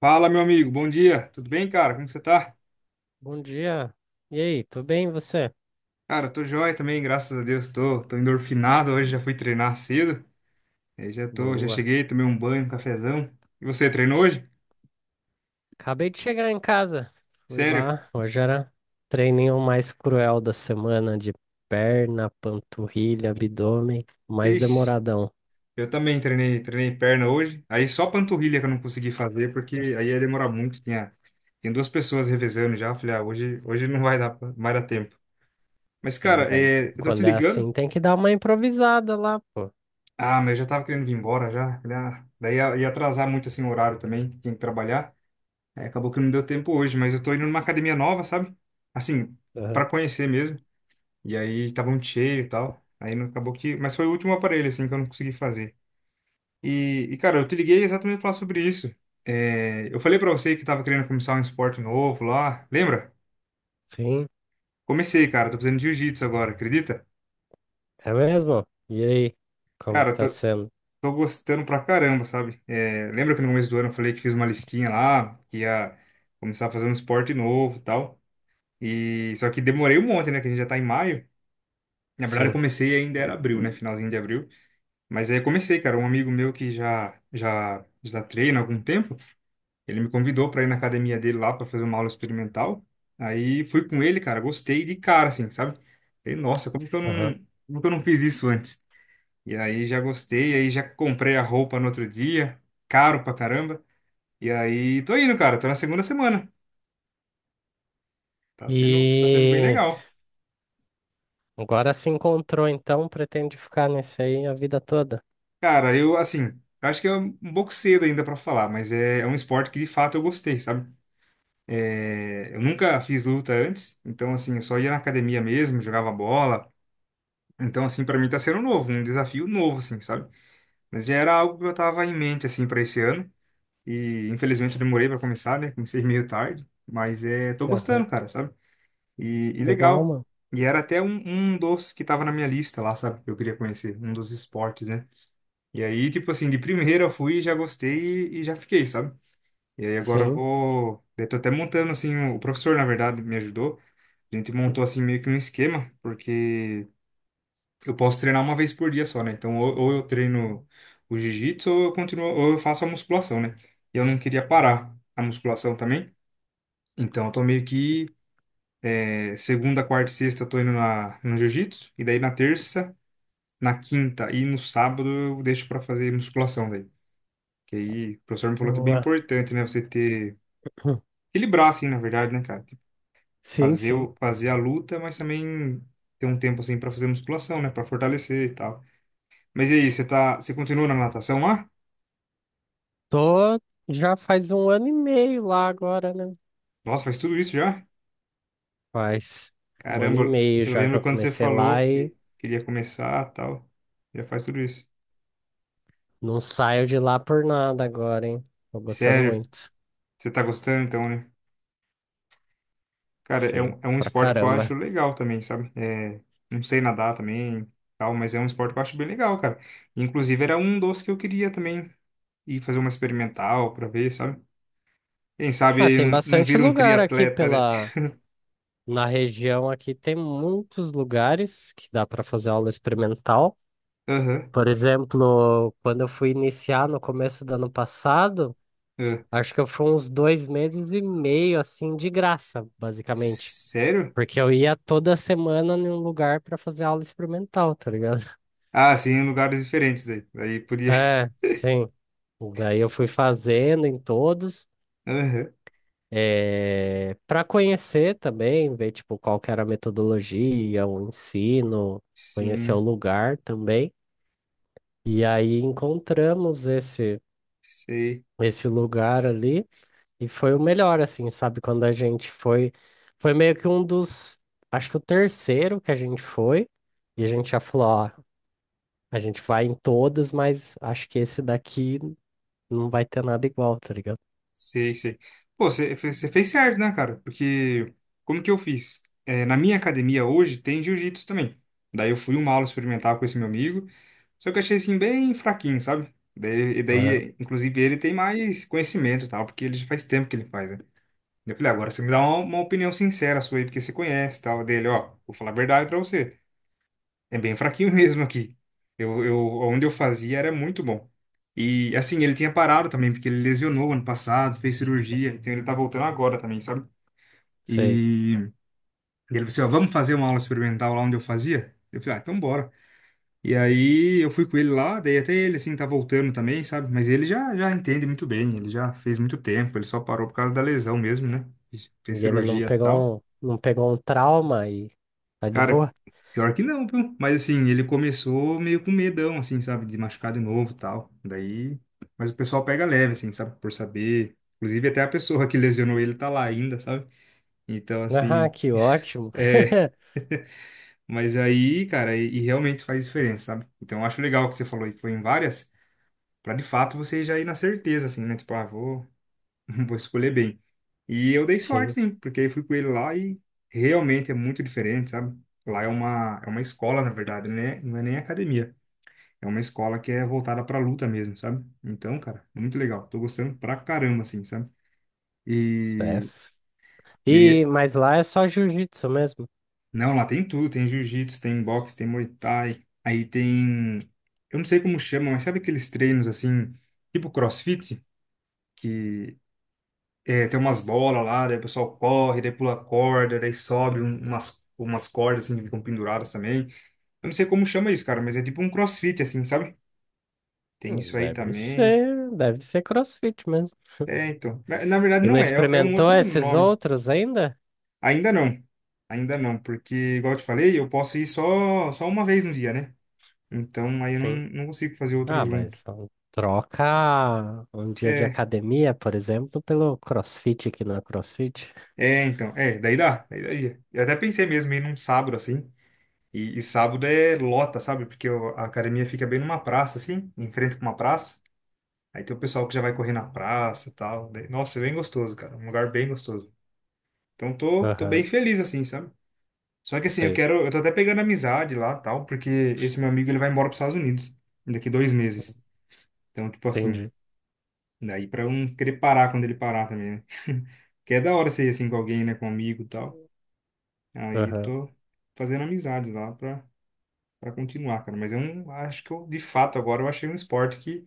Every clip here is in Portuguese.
Fala, meu amigo, bom dia. Tudo bem, cara? Como que você tá? Bom dia. E aí, tudo bem e você? Cara, eu tô joia também, graças a Deus. Tô endorfinado hoje, já fui treinar cedo. Aí já tô, já Boa. cheguei, tomei um banho, um cafezão. E você treinou hoje? Acabei de chegar em casa. Fui Sério? lá. Hoje era o treininho mais cruel da semana de perna, panturrilha, abdômen, mais Ixi, demoradão. eu também treinei perna hoje. Aí só panturrilha que eu não consegui fazer, porque aí ia demorar muito. Tinha duas pessoas revezando já. Eu falei, ah, hoje não vai dar, não vai dar tempo. Mas, Ah, cara, daí, eu tô te quando é ligando. assim, tem que dar uma improvisada lá, pô. Ah, mas eu já tava querendo vir embora já. Falei, ah, daí ia atrasar muito assim o horário também, que tinha que trabalhar. É, acabou que não deu tempo hoje, mas eu tô indo numa academia nova, sabe? Assim, pra Aham. conhecer mesmo. E aí tava muito cheio e tal. Aí não acabou que. Mas foi o último aparelho, assim, que eu não consegui fazer. E cara, eu te liguei exatamente pra falar sobre isso. É, eu falei pra você que tava querendo começar um esporte novo lá. Lembra? Sim, Comecei, cara. Tô fazendo jiu-jitsu agora, acredita? é mesmo? E aí, como Cara, tá tô, sendo? tô gostando pra caramba, sabe? É, lembra que no começo do ano eu falei que fiz uma listinha lá, que ia começar a fazer um esporte novo e tal. E só que demorei um monte, né? Que a gente já tá em maio. Na verdade, eu Sim. comecei ainda era abril, né? Finalzinho de abril. Mas aí eu comecei, cara. Um amigo meu que já treina há algum tempo, ele me convidou para ir na academia dele lá para fazer uma aula experimental. Aí fui com ele, cara. Gostei de cara, assim, sabe? Falei, nossa, Aham. Como que eu não fiz isso antes? E aí já gostei, aí já comprei a roupa no outro dia, caro pra caramba. E aí tô indo, cara. Tô na segunda semana. Tá sendo bem E legal. agora se encontrou, então, pretende ficar nesse aí a vida toda? Cara, eu, assim, acho que é um pouco cedo ainda pra falar, mas é um esporte que de fato eu gostei, sabe? É, eu nunca fiz luta antes, então, assim, eu só ia na academia mesmo, jogava bola. Então, assim, pra mim tá sendo novo, um desafio novo, assim, sabe? Mas já era algo que eu tava em mente, assim, pra esse ano. E infelizmente eu demorei pra começar, né? Comecei meio tarde, mas é, tô Aham. gostando, cara, sabe? E, e Legal, legal. mano. E era até um dos que tava na minha lista lá, sabe? Que eu queria conhecer, um dos esportes, né? E aí, tipo assim, de primeira eu fui, já gostei e já fiquei, sabe? E aí agora eu Sim. vou. Eu tô até montando, assim, o professor, na verdade, me ajudou. A gente montou, assim, meio que um esquema, porque eu posso treinar uma vez por dia só, né? Então, ou eu treino o jiu-jitsu, ou eu continuo, ou eu faço a musculação, né? E eu não queria parar a musculação também. Então, eu tô meio que é, segunda, quarta e sexta eu tô indo na, no jiu-jitsu, e daí na terça, na quinta e no sábado eu deixo pra fazer musculação, daí. Que aí o professor me falou que é bem Boa. importante, né? Você ter. Equilibrar, assim, na verdade, né, cara? Tipo, Sim, fazer, sim. Fazer a luta, mas também ter um tempo, assim, pra fazer musculação, né? Pra fortalecer e tal. Mas e aí, você tá. Você continua na natação lá? Tô já faz um ano e meio lá agora, né? Nossa, faz tudo isso já? Faz um ano e Caramba, meio eu já que lembro eu quando você comecei falou lá e que queria começar e tal. Já faz tudo isso. não saio de lá por nada agora, hein? Tô gostando Sério, muito. você tá gostando então, né? Cara, Sim, é um pra esporte que eu acho caramba. legal também, sabe? É, não sei nadar também, tal, mas é um esporte que eu acho bem legal, cara. Inclusive, era um dos que eu queria também e fazer uma experimental pra ver, sabe? Quem sabe Ah, ele tem não bastante vira um lugar aqui triatleta, né? pela na região aqui tem muitos lugares que dá para fazer aula experimental. Aham. Por exemplo, quando eu fui iniciar no começo do ano passado, Ah. acho que eu fui uns 2 meses e meio, assim, de graça, basicamente. Sério? Porque eu ia toda semana em um lugar para fazer aula experimental, tá ligado? Ah, sim, em lugares diferentes aí. Aí podia. É, sim. Daí eu fui fazendo em todos, Aham. eh, pra para conhecer também, ver tipo qual que era a metodologia, o ensino, conhecer o Sim, lugar também. E aí encontramos esse sei, esse lugar ali. E foi o melhor, assim, sabe? Quando a gente foi. Foi meio que um dos. Acho que o terceiro que a gente foi. E a gente já falou: ó, a gente vai em todos, mas acho que esse daqui não vai ter nada igual, tá ligado? Sei. Pô, você fez certo, né, cara? Porque como que eu fiz? É, na minha academia hoje tem jiu-jitsu também. Daí eu fui uma aula experimental com esse meu amigo, só que eu achei assim bem fraquinho, sabe? Daí, e Aham, daí, inclusive, ele tem mais conhecimento e tal, porque ele já faz tempo que ele faz, né? Eu falei, "Ah, agora você me dá uma opinião sincera sua aí, porque você conhece e tal dele, ó, vou falar a verdade pra você. É bem fraquinho mesmo aqui. Onde eu fazia era muito bom. E assim, ele tinha parado também, porque ele lesionou ano passado, fez cirurgia, então ele tá voltando agora também, sabe? sei. E ele falou assim, ó, vamos fazer uma aula experimental lá onde eu fazia? Eu falei, ah, então bora. E aí eu fui com ele lá, daí até ele assim tá voltando também, sabe? Mas ele já entende muito bem, ele já fez muito tempo, ele só parou por causa da lesão mesmo, né? Fez E ele não cirurgia e tal. pegou um, não pegou um trauma e tá de Cara, boa. pior que não, viu? Mas assim, ele começou meio com medão, assim, sabe? De machucar de novo e tal. Daí. Mas o pessoal pega leve, assim, sabe? Por saber. Inclusive, até a pessoa que lesionou ele tá lá ainda, sabe? Então, Ah, assim. que ótimo. É. Mas aí, cara, e realmente faz diferença, sabe? Então, eu acho legal o que você falou aí, que foi em várias, pra de fato você já ir na certeza, assim, né? Tipo, ah, vou, vou escolher bem. E eu dei sorte, Sim, sim, porque eu fui com ele lá e realmente é muito diferente, sabe? É uma escola, na verdade, né? Não é nem academia. É uma escola que é voltada pra luta mesmo, sabe? Então, cara, muito legal. Tô gostando pra caramba, assim, sabe? E, sucesso. e E, aí, mas lá é só jiu-jitsu mesmo. não, lá tem tudo: tem jiu-jitsu, tem boxe, tem muay thai. Aí tem. Eu não sei como chama, mas sabe aqueles treinos assim, tipo crossfit? Que é, tem umas bolas lá, daí o pessoal corre, daí pula corda, daí sobe umas cordas assim que ficam penduradas também. Eu não sei como chama isso, cara, mas é tipo um CrossFit assim, sabe? Tem Hum, isso aí Deve também. ser, deve ser CrossFit mesmo. É, então. Na verdade E não não é, é um experimentou outro esses nome. outros ainda? Ainda não. Ainda não, porque, igual eu te falei, eu posso ir só uma vez no dia, né? Então aí eu não, Sim. não consigo fazer outro Ah, junto. mas então, troca um dia de É, academia, por exemplo, pelo CrossFit que não é CrossFit. Então. É, daí daria. Eu até pensei mesmo em ir num sábado assim. E sábado é lota, sabe? Porque a academia fica bem numa praça, assim, em frente com uma praça. Aí tem o pessoal que já vai correr na praça e tal. Daí, nossa, é bem gostoso, cara. Um lugar bem gostoso. Então tô bem Aham, feliz, assim, sabe? Só que assim, eu sei. quero. Eu tô até pegando amizade lá tal, porque esse meu amigo ele vai embora pros Estados Unidos daqui 2 meses. Então, tipo assim, Entendi. daí pra eu não querer parar quando ele parar também, né? Que é da hora ser assim com alguém, né? Com um amigo e tal. Aí Aham, tô fazendo amizades lá pra para continuar, cara. Mas eu não acho que eu, de fato, agora eu achei um esporte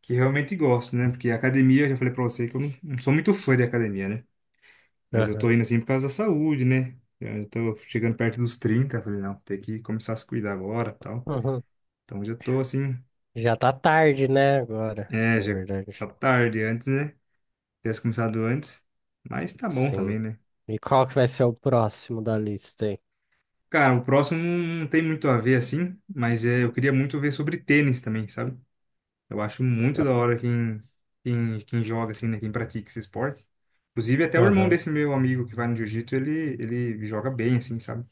que realmente gosto, né? Porque academia, eu já falei pra você que eu não sou muito fã de academia, né? Mas eu tô aham. indo assim por causa da saúde, né? Eu já tô chegando perto dos 30, eu falei, não, tem que começar a se cuidar agora, tal. Uhum. Então já tô assim, Já tá tarde, né, agora, é, na já tá verdade. tarde antes, né? Tivesse começado antes, mas tá bom Sim. também, né? E qual que vai ser o próximo da lista aí? Cara, o próximo não tem muito a ver assim, mas é, eu queria muito ver sobre tênis também, sabe? Eu acho muito da hora quem, quem joga, assim, né? Quem pratica esse esporte. Inclusive, até o irmão Aham. desse meu amigo que vai no jiu-jitsu, ele joga bem, assim, sabe?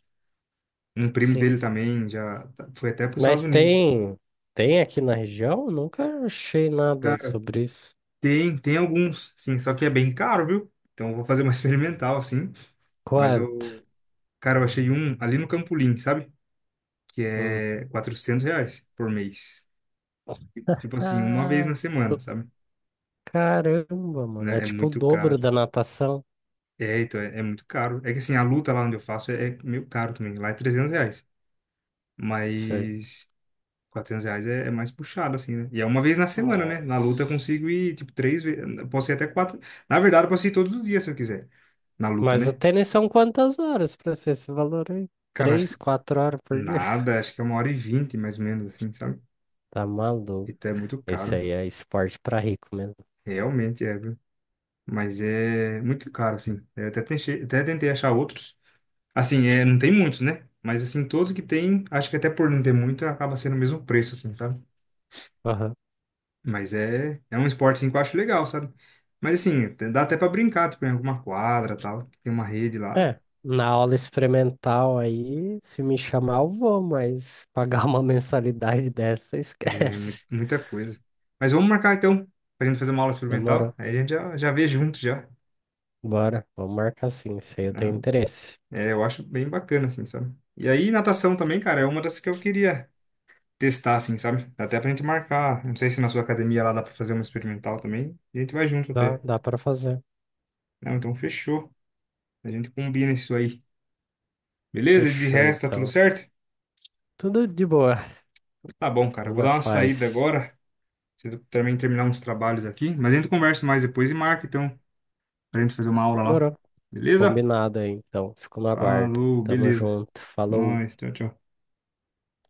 Um primo Sim, dele sim. também foi até para os Estados Mas Unidos. tem aqui na região? Nunca achei nada Cara, sobre isso. Tem alguns, sim, só que é bem caro, viu? Então, eu vou fazer uma experimental, assim. Mas Quanto? eu, cara, eu achei um ali no Campolim, sabe? Que Hum. é R$ 400 por mês. Tipo assim, uma vez Ah, na semana, do- sabe? caramba, mano. É Né? É tipo o muito dobro caro. da natação. É, então, é muito caro. É que assim, a luta lá onde eu faço é meio caro também. Lá é R$ 300. Sei. Mas R$ 400 é mais puxado, assim, né? E é uma vez na semana, né? Na luta eu Nossa. consigo ir, tipo, 3 vezes. Posso ir até quatro. Na verdade, eu posso ir todos os dias se eu quiser. Na luta, Mas o né? tênis são quantas horas pra ser esse valor aí? Cara, Três, quatro horas por dia. nada. Acho que é 1h20, mais ou menos, assim, sabe? Tá maluco. Então é muito Esse caro. aí é esporte pra rico mesmo. Realmente é, viu? Mas é muito caro, assim. Até tentei achar outros. Assim, é, não tem muitos, né? Mas assim, todos que tem, acho que até por não ter muito, acaba sendo o mesmo preço, assim, sabe? Aham. Mas é, é um esporte assim, que eu acho legal, sabe? Mas assim, até dá até pra brincar, tipo, em alguma quadra, tal, que tem uma rede lá, É. Na aula experimental aí, se me chamar, eu vou, mas pagar uma mensalidade dessa, esquece. muita coisa. Mas vamos marcar então, pra gente fazer uma aula Demorou. experimental, aí a gente já vê junto já. Bora. Vamos marcar sim. Se aí eu tenho Né? interesse. É, eu acho bem bacana, assim, sabe? E aí, natação também, cara, é uma das que eu queria testar, assim, sabe? Dá até pra gente marcar, não sei se na sua academia lá dá pra fazer uma experimental também, e a gente vai junto Dá, até. dá para fazer. Não, então fechou. A gente combina isso aí. Beleza? De Fechou, resto, tá tudo então. certo? Tudo de boa. Tá bom, cara. Tudo Vou na dar uma saída paz. agora. Preciso também terminar uns trabalhos aqui. Mas a gente conversa mais depois e marca, então, pra gente fazer uma aula lá. Demorou. Beleza? Combinado aí, então. Fico no aguardo. Falou, Tamo beleza. junto. Falou. Nós, tchau, tchau.